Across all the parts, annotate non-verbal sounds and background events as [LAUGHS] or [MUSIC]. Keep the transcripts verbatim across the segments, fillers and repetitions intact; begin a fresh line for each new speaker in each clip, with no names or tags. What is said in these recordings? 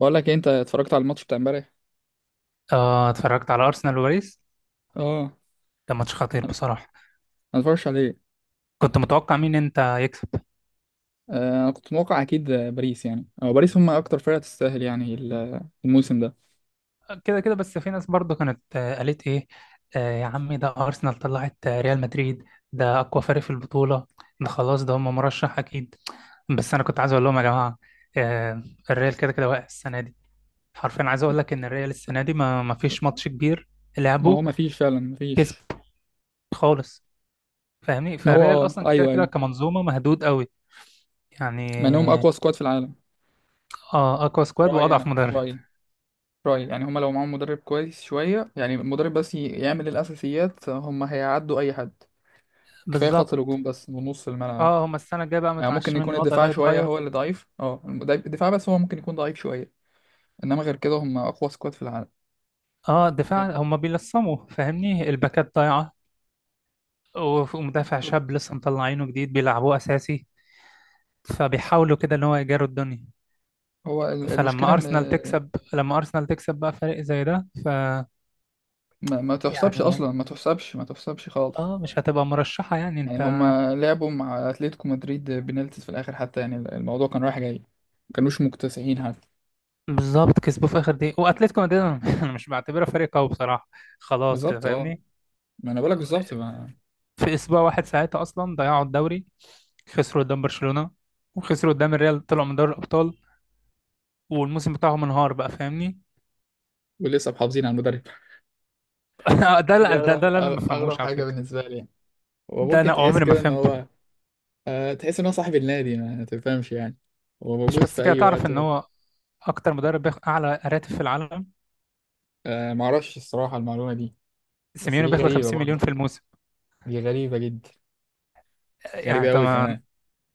بقول لك إيه، انت اتفرجت على الماتش بتاع امبارح؟
اه، اتفرجت على ارسنال وباريس.
اه.
ده ماتش خطير
انا
بصراحه.
أنا اتفرجش عليه.
كنت متوقع مين انت يكسب؟
آه، انا كنت متوقع اكيد، آه، باريس. يعني هو باريس، هم اكتر فرقه تستاهل يعني ال- الموسم ده.
كده كده، بس في ناس برضو كانت، آه، قالت ايه. آه يا عمي، ده ارسنال طلعت آه، ريال مدريد. ده اقوى فريق في البطوله. ده خلاص، ده هم مرشح اكيد. بس انا كنت عايز اقول لهم يا جماعه، آه الريال كده كده واقع السنه دي. حرفيا عايز اقول لك ان الريال السنه دي ما ما فيش ماتش كبير
ما هو
لعبه
ما فيش فعلا، ما
كسب
فيش.
خالص، فاهمني.
ما هو
فالريال
اه،
اصلا كده
ايوه
كده
ايوه.
كمنظومه مهدود قوي،
مع انهم
يعني.
اقوى سكواد في العالم.
اه، اقوى
في
سكواد
رايي،
واضعف
انا في
مدرب.
رايي في رايي يعني هم لو معاهم مدرب كويس شويه، يعني المدرب بس ي- يعمل الاساسيات، آه، هم هيعدوا اي حد. كفايه خط
بالظبط.
الهجوم بس ونص الملعب.
اه، هما السنة الجاية بقى
يعني ممكن
متعشمين
يكون
الوضع ده
الدفاع شويه
يتغير.
هو اللي ضعيف، اه، الدفاع بس هو ممكن يكون ضعيف شويه. انما غير كده هم اقوى سكواد في العالم.
اه، الدفاع هما بيلصموا، فاهمني، الباكات ضايعة. وف- ومدافع شاب لسه مطلعينه جديد بيلعبوه أساسي، فبيحاولوا كده إن هو يجاروا الدنيا.
هو ال- المشكلة
فلما
إن
أرسنال تكسب لما أرسنال تكسب بقى فريق زي ده. ف
ما, ما تحسبش
يعني
أصلا، ما تحسبش ما تحسبش خالص.
اه، مش هتبقى مرشحة، يعني انت.
يعني هما لعبوا مع أتلتيكو مدريد بنالتيز في الآخر حتى، يعني الموضوع كان رايح جاي. ما كانوش مكتسحين حتى.
بالظبط، كسبوه في آخر دقيقة. وأتلتيكو مدريد أنا [LAUGHS] أنا مش بعتبره فريق قوي بصراحة. خلاص كده،
بالظبط اه.
فاهمني.
ما أنا بقولك بالظبط. ما
في اسبوع واحد ساعتها اصلا ضيعوا الدوري، خسروا قدام برشلونة وخسروا قدام الريال، طلعوا من دوري الابطال، والموسم بتاعهم انهار بقى، فاهمني.
ولسه محافظين على المدرب!
[LAUGHS] ده
[LAUGHS] دي
لا ده,
أغرب
ده اللي انا ما
أغ- أغرب
بفهموش على
حاجة
فكرة،
بالنسبة لي يعني. هو
ده
ممكن
انا
تحس
عمري ما
كده إن
فهمته.
هو، آه، تحس إن هو صاحب النادي ما تفهمش يعني، هو
مش
موجود
بس
في
كده،
أي
تعرف
وقت
ان
هو.
هو اكتر مدرب بياخد اعلى راتب في العالم.
آه، معرفش الصراحة المعلومة دي. بس
سيميوني
دي
بياخد
غريبة
خمسين مليون
برضه،
في الموسم.
دي غريبة جدا،
يعني
غريبة أوي
طبعا،
كمان.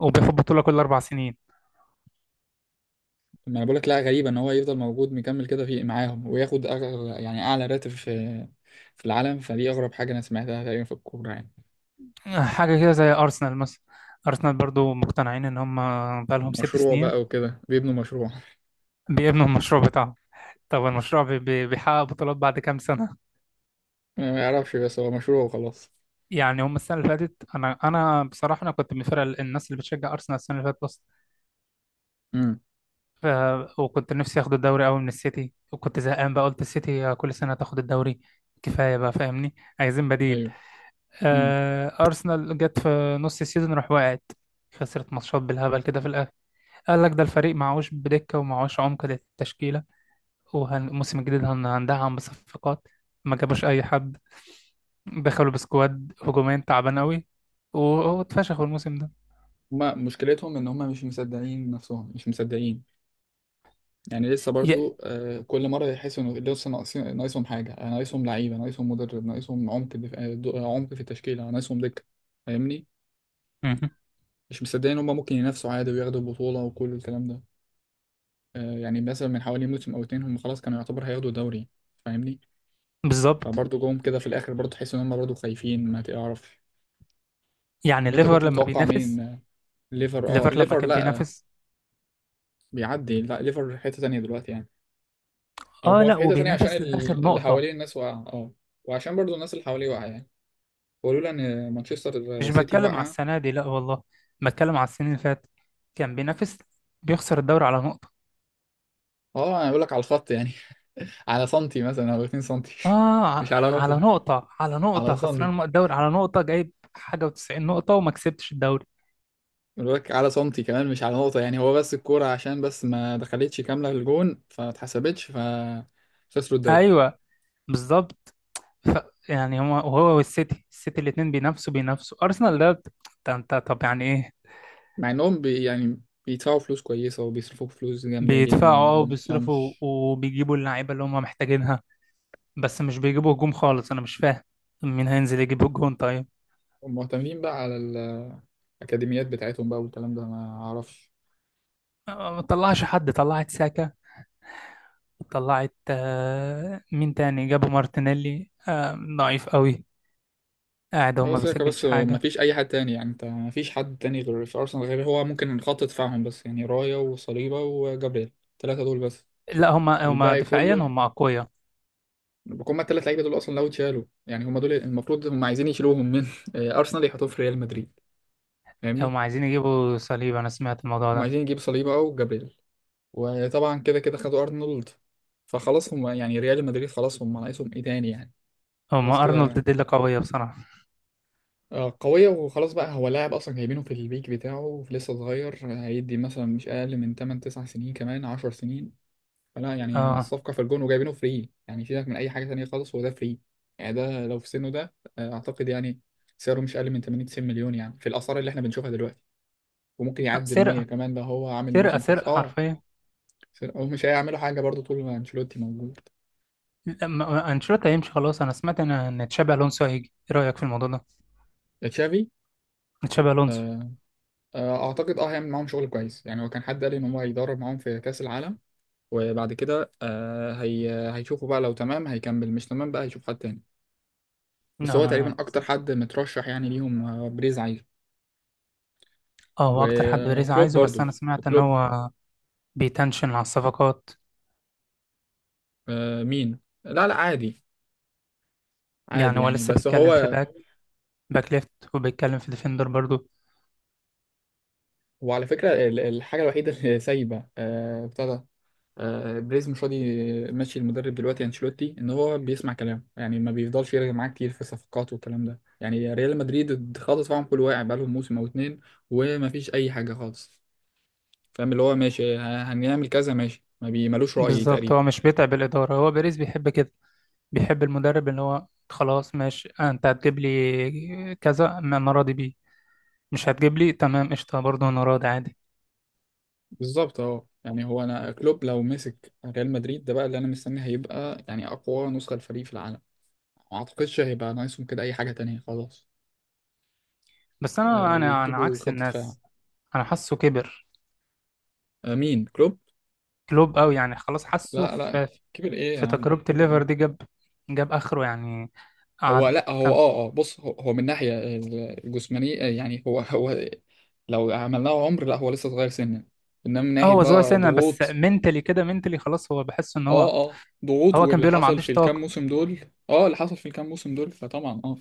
وبياخد بطولة كل اربع سنين.
ما انا بقولك، لا غريبة ان هو يفضل موجود مكمل كده في معاهم وياخد أغ... يعني اعلى راتب في في العالم. فدي اغرب حاجة انا سمعتها تقريبا في الكورة يعني.
حاجة كده زي ارسنال مثلا. ارسنال برضو مقتنعين ان هم بقى لهم ست
مشروع بقى
سنين
وكده بيبنوا مشروع.
بيبنوا المشروع بتاعهم. طب المشروع بي- بي- بيحقق بطولات بعد كام سنة؟
[LAUGHS] ما يعرفش، بس هو مشروع وخلاص.
يعني هم السنه اللي فاتت، انا انا بصراحه انا كنت من الفرق، الناس اللي بتشجع ارسنال السنه اللي فاتت بس.
امم
ف... وكنت نفسي اخد الدوري قوي من السيتي، وكنت زهقان بقى، قلت السيتي كل سنه تاخد الدوري، كفايه بقى، فاهمني، عايزين بديل.
ايوه. امم
آه... ارسنال جت في نص السيزون راح وقعت، خسرت ماتشات بالهبل كده في الاخر. قال لك ده الفريق معهوش بدكه ومعهوش عمق للتشكيله، والموسم الجديد هن- هندعم بصفقات. ما جابوش اي حد، دخلوا بسكواد هجومين تعبان قوي واتفشخوا الموسم.
هما مشكلتهم ان هما مش مصدقين نفسهم، مش مصدقين، يعني لسه
ده
برضو. آه، كل مرة يحسوا ان لسه ناقصين، ناقصهم حاجة، آه، ناقصهم لعيبة، ناقصهم مدرب، ناقصهم عمق دف... آه، دو- آه، عمق في التشكيلة، ناقصهم دكة. فاهمني،
مهم.
مش مصدقين ان هما ممكن ينافسوا عادي وياخدوا البطولة وكل الكلام ده. آه، يعني مثلا من حوالي موسم او اتنين هم خلاص كانوا يعتبر هياخدوا دوري. فاهمني.
بالظبط،
فبرضه جم كده في الاخر برضه تحس ان هم برضه خايفين ما تعرف.
يعني
طب انت
الليفر
كنت
لما
متوقع مين؟
بينافس،
آه، ليفر؟ اه
الليفر لما
ليفر
كان
لا،
بينافس،
بيعدي. لا ليفر في حتة تانية دلوقتي يعني، او
اه،
هو في
لا،
حتة تانية عشان
وبينافس لاخر
ال- اللي
نقطة.
حواليه الناس واقعة، اه، وعشان برضه الناس اللي حواليه واقعة يعني، ولولا ان مانشستر
مش
سيتي
بتكلم على
واقعة.
السنة دي، لا والله، بتكلم على السنين اللي فاتت، كان بينافس بيخسر الدوري على نقطة.
اه، انا بقول لك على الخط يعني، [LAUGHS] على سنتي مثلا او 2 سنتي.
اه،
[LAUGHS]
ع-
مش على
على
نقطة.
نقطة على نقطة
على سنتي،
خسران الدوري على نقطة، جايب حاجة و90 نقطة وما كسبتش الدوري.
الباك على سنتي كمان، مش على نقطة. يعني هو بس الكورة عشان بس ما دخلتش كاملة للجون فما اتحسبتش فخسروا الدوري.
ايوه، بالظبط. ف يعني هو وهو والسيتي السيتي الاتنين بينافسوا بينافسوا ارسنال، ده انت انت طب يعني ايه؟
مع انهم بي يعني بيدفعوا فلوس كويسة وبيصرفوا فلوس جامدة
بيدفعوا،
جدا،
اه
انا ما
وبيصرفوا،
تفهمش.
وبيجيبوا اللعيبة اللي هم محتاجينها، بس مش بيجيبوا هجوم خالص، انا مش فاهم مين هينزل يجيب الجون طيب.
هم مهتمين بقى على الأكاديميات بتاعتهم بقى والكلام ده، ما أعرفش.
آه، ما طلعش حد، طلعت ساكا، طلعت آه، مين تاني، جابوا مارتينيلي آه، ضعيف قوي، قاعد هو
هو
ما
ساكا
بيسجلش
بس، ما
حاجة.
فيش أي حد تاني يعني. أنت ما فيش حد تاني غير في أرسنال غير هو ممكن خط دفاعهم بس يعني، رايا وصليبا وجابريل التلاتة دول بس.
لا، هما هما
الباقي
دفاعيا
كله،
هما أقوياء.
هما الثلاث لعيبه دول اصلا لو اتشالوا يعني، هما دول المفروض هما عايزين يشيلوهم من [LAUGHS] آه، ارسنال يحطوهم في ريال مدريد. فاهمني.
هما عايزين يجيبوا صليب، أنا سمعت الموضوع
هما
ده.
عايزين يجيب صليبا او جابريل. وطبعا كده كده خدوا ارنولد. فخلاص هما يعني ريال مدريد خلاص، هما ناقصهم ايه تاني يعني؟ خلاص
هما أرنولد
كده.
دي اللي قوية بصراحة.
آه، قوية وخلاص بقى، هو لاعب أصلا جايبينه في البيك بتاعه لسه صغير، هيدي مثلا مش أقل من تمن تسعة سنين كمان عشر سنين. فلا يعني،
اه.
الصفقة في الجون وجايبينه فري يعني، سيبك من أي حاجة تانية خالص، هو ده فري. يعني ده لو في سنه ده، آه، أعتقد يعني سعره مش أقل من تمانين تسعين مليون يعني، في الآثار اللي إحنا بنشوفها دلوقتي. وممكن
آه،
يعدي ال مية
سرقة
كمان، ده هو عامل
سرقة
موسم كويس
سرقة
أه.
حرفيا.
سير- هو مش هيعملوا حاجة برضه طول ما أنشيلوتي موجود.
لا، ما- ما- أنشيلوتي هيمشي خلاص، أنا سمعت إن إن تشابي ألونسو هيجي. إيه رأيك في الموضوع ده؟
تشافي؟
تشابي ألونسو.
آه، آه، أعتقد أه هيعمل معاهم شغل كويس يعني. هو كان حد قال إن هو هيدرب معاهم في كأس العالم، وبعد كده آه، هي هيشوفوا بقى، لو تمام هيكمل، مش تمام بقى هيشوف حد تاني. بس
لا،
هو تقريبا
أنا.
أكتر حد مترشح يعني ليهم، آه، بريز عايز.
اه، هو اكتر حد بيريز
وكلوب
عايزه، بس
برضو،
انا سمعت ان
وكلوب.
هو بيتنشن على الصفقات.
آه مين؟ لا لا عادي، عادي
يعني هو
يعني،
لسه
بس
بيتكلم في
هو،
باك، باك ليفت، وبيتكلم في ديفندر برضو.
وعلى فكرة ال- الحاجة الوحيدة اللي سايبة، آه، بتاع ده، آه، بريز مش راضي ماشي المدرب دلوقتي انشيلوتي ان هو بيسمع كلام يعني، ما بيفضلش يرجع معاه كتير في الصفقات والكلام ده. يعني ريال مدريد خالص، فاهم، كل واقع بقالهم موسم او اتنين وما فيش اي حاجة خالص. فاهم اللي هو ماشي، ه- هنعمل كذا ماشي، ما بيملوش رأي
بالظبط،
تقريبا.
هو مش بيتعب الاداره. هو بيريز بيحب كده، بيحب المدرب اللي هو خلاص ماشي، انت هتجيب لي كذا، ما انا راضي بيه. مش هتجيب لي تمام قشطه، برضو انا راضي عادي.
بالظبط اه، يعني هو انا كلوب لو مسك ريال مدريد ده بقى، اللي انا مستني هيبقى يعني اقوى نسخه للفريق في العالم. ما اعتقدش هيبقى ناقصهم كده اي حاجه تانية خلاص.
بس
آه،
انا، انا انا
ويجيبوا
عكس
خط دفاع.
الناس. انا حاسه كبر،
آه، مين كلوب؟
كلوب قوي يعني خلاص. حاسه
لا لا،
في
كبر ايه يا
في
عم،
تجربه
كبر
الليفر دي
ايه!
جاب، جاب اخره يعني،
هو
قعد
لا هو
كام.
اه اه بص، هو, هو من ناحيه الجسمانيه، آه، يعني هو هو لو عملناه عمر، لا هو لسه صغير سنا. انما من
اه،
ناحيه
هو صغير
بقى
سنا بس
ضغوط،
منتلي كده، منتلي خلاص، هو بحس ان
اه
هو.
اه ضغوط
هو كان
واللي
بيقول انا ما
حصل في
عنديش
الكام
طاقه.
موسم دول. اه، اللي حصل في الكام موسم دول، فطبعا اه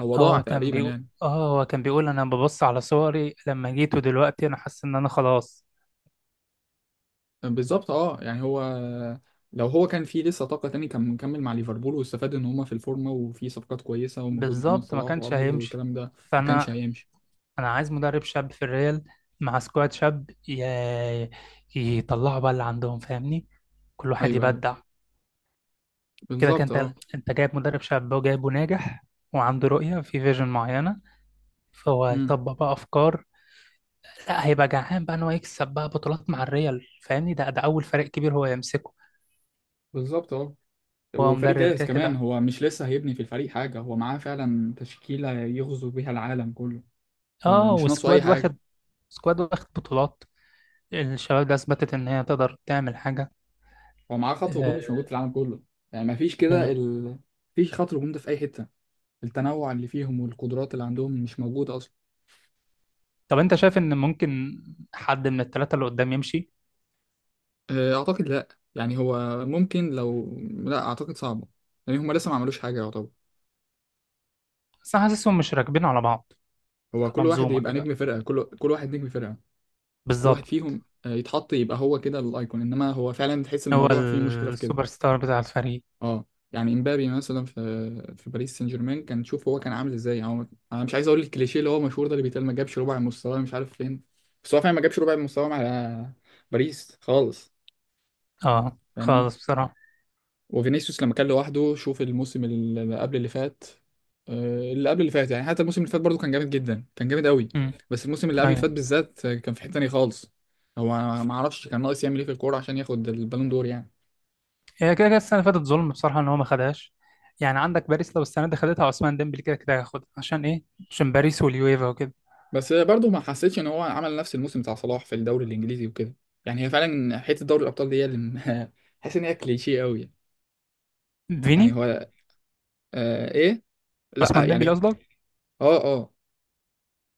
هو ضاع
هو كان
تقريبا
بيقول،
يعني.
اه، هو كان بيقول انا ببص على صوري لما جيت ودلوقتي انا حاسس ان انا خلاص.
بالظبط اه، يعني هو لو هو كان فيه لسه طاقة تاني كان مكمل مع ليفربول، واستفاد ان هما في الفورمة وفي صفقات كويسة وموجود محمد
بالظبط ما
صلاح
كانش
وارنولد
هيمشي.
والكلام ده. ما كانش
فانا
هيمشي.
انا عايز مدرب شاب في الريال مع سكواد شاب، ي... يطلعوا بقى اللي عندهم، فاهمني، كل واحد
ايوه ايوه.
يبدع. كده كان،
بالظبط
انت
اه.
انت جايب مدرب شاب وجايبه ناجح، وعنده رؤية في فيجن معينة، فهو
امم
هيطبق بقى افكار. لا، هيبقى جعان بقى ان هو يكسب بقى بطولات مع الريال، فاهمني. ده ده اول فريق كبير هو يمسكه.
بالظبط اه.
هو
وفريق
مدرب
جاهز
كده
كمان،
كده.
هو مش لسه هيبني في الفريق حاجة، هو معاه فعلا تشكيلة يغزو بيها العالم كله. هو
اه،
مش ناقصه اي
وسكواد
حاجة.
واخد. سكواد واخد بطولات. الشباب ده اثبتت ان هي تقدر تعمل حاجه.
هو معاه خط هجوم
آه،
مش موجود في العالم كله. يعني مفيش كده
بالظبط.
ال... مفيش خط هجوم ده في أي حتة. التنوع اللي فيهم والقدرات اللي عندهم مش موجودة أصلا.
طب انت شايف ان ممكن حد من الثلاثه اللي قدام يمشي؟
آه، أعتقد لأ، يعني هو، ممكن لو، لأ أعتقد صعبة، لأن هما لسه ما عملوش حاجة يعتبر.
بس انا حاسسهم مش راكبين على بعض،
هو كل واحد
كمنظومه
يبقى
كده.
نجم فرقة، كل كل واحد نجم فرقة. كل واحد
بالظبط.
فيهم، آه، يتحط يبقى هو كده الأيكون، إنما هو فعلا تحس إن
هو
الموضوع فيه مشكلة في كده.
السوبر ستار بتاع الفريق.
اه. يعني امبابي مثلا في في باريس سان جيرمان كان، شوف هو كان عامل ازاي يعني. هو، انا مش عايز اقول الكليشيه اللي هو مشهور ده اللي بيتقال، ما جابش ربع مستواه مش عارف فين، بس هو فعلا ما جابش ربع مستواه مع باريس خالص.
اه،
فاهمني.
خالص بصراحه.
وفينيسيوس لما كان لوحده، شوف الموسم اللي قبل اللي فات، آه، اللي قبل اللي فات، يعني حتى الموسم اللي فات برضه كان جامد جدا، كان جامد قوي. بس الموسم اللي قبل اللي
امم.
فات بالذات، آه، كان في حته تانيه خالص. هو، ما اعرفش كان ناقص يعمل ايه في الكوره عشان ياخد البالون دور يعني.
هي كده كده السنه اللي فاتت ظلم بصراحه ان هو ما خدهاش. يعني عندك باريس لو السنه دي خدتها، عثمان ديمبلي كده كده هياخدها، عشان ايه؟ عشان باريس واليويفا وكده.
بس برضه ما حسيتش ان هو عمل نفس الموسم بتاع صلاح في الدوري الانجليزي وكده. يعني هي فعلا حته دوري الابطال دي هي اللي [LAUGHS] حاسس ان هي كليشيه قوي يعني. يعني
فيني،
هو، آه ايه لا
عثمان ديمبلي
يعني
قصدك.
اه اه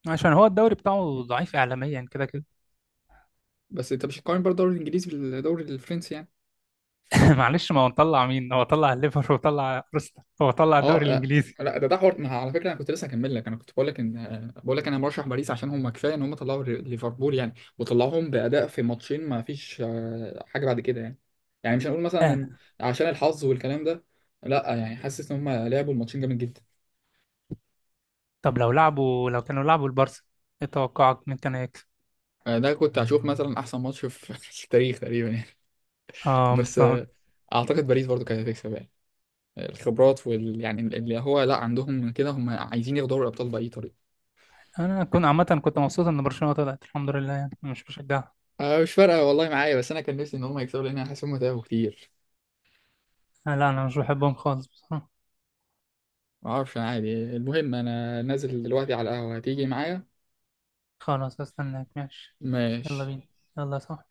عشان هو الدوري بتاعه ضعيف اعلاميا كده كده.
بس انت مش هتقارن برضه الدوري الانجليزي بالدوري الفرنسي يعني.
[LAUGHS] معلش، ما هو طلع مين؟ هو طلع الليفر، وطلع ارسنال، هو طلع
اه
الدوري
آه.
الانجليزي.
لا ده ده حوار، ما على فكره انا كنت لسه هكمل لك. انا كنت بقول لك ان، آه، بقول لك انا مرشح باريس عشان هم كفايه ان هم طلعوا ليفربول يعني، وطلعوهم باداء في ماتشين، ما فيش آه، حاجه بعد كده يعني. يعني مش هنقول مثلا إن
آه.
عشان الحظ والكلام ده، لا يعني، حاسس ان هم لعبوا الماتشين جامد جدا.
طب لو لعبوا لو كانوا لعبوا البارسا، ايه توقعك مين كان هيكسب؟
آه، ده كنت هشوف مثلا احسن ماتش في [LAUGHS] في التاريخ تقريبا يعني.
اه،
بس آه،
بالظبط.
اعتقد باريس برضو كانت هتكسب يعني، آه، الخبرات وال يعني اللي هو لا عندهم من كده، هم عايزين ياخدوا دوري الابطال باي طريقه.
انا كنت عامه كنت مبسوط ان برشلونه طلعت الحمد لله، يعني أنا مش بشجعها.
آه، مش فارقه والله معايا، بس انا كان نفسي ان هم يكسبوا لان انا حاسس هم تعبوا كتير.
آه، لا، انا مش بحبهم خالص بصراحه.
ما اعرفش انا عادي، المهم انا نازل دلوقتي على القهوه، هتيجي معايا؟
خلاص، استناك ماشي. يلا
ماشي.
بينا. يلا صح.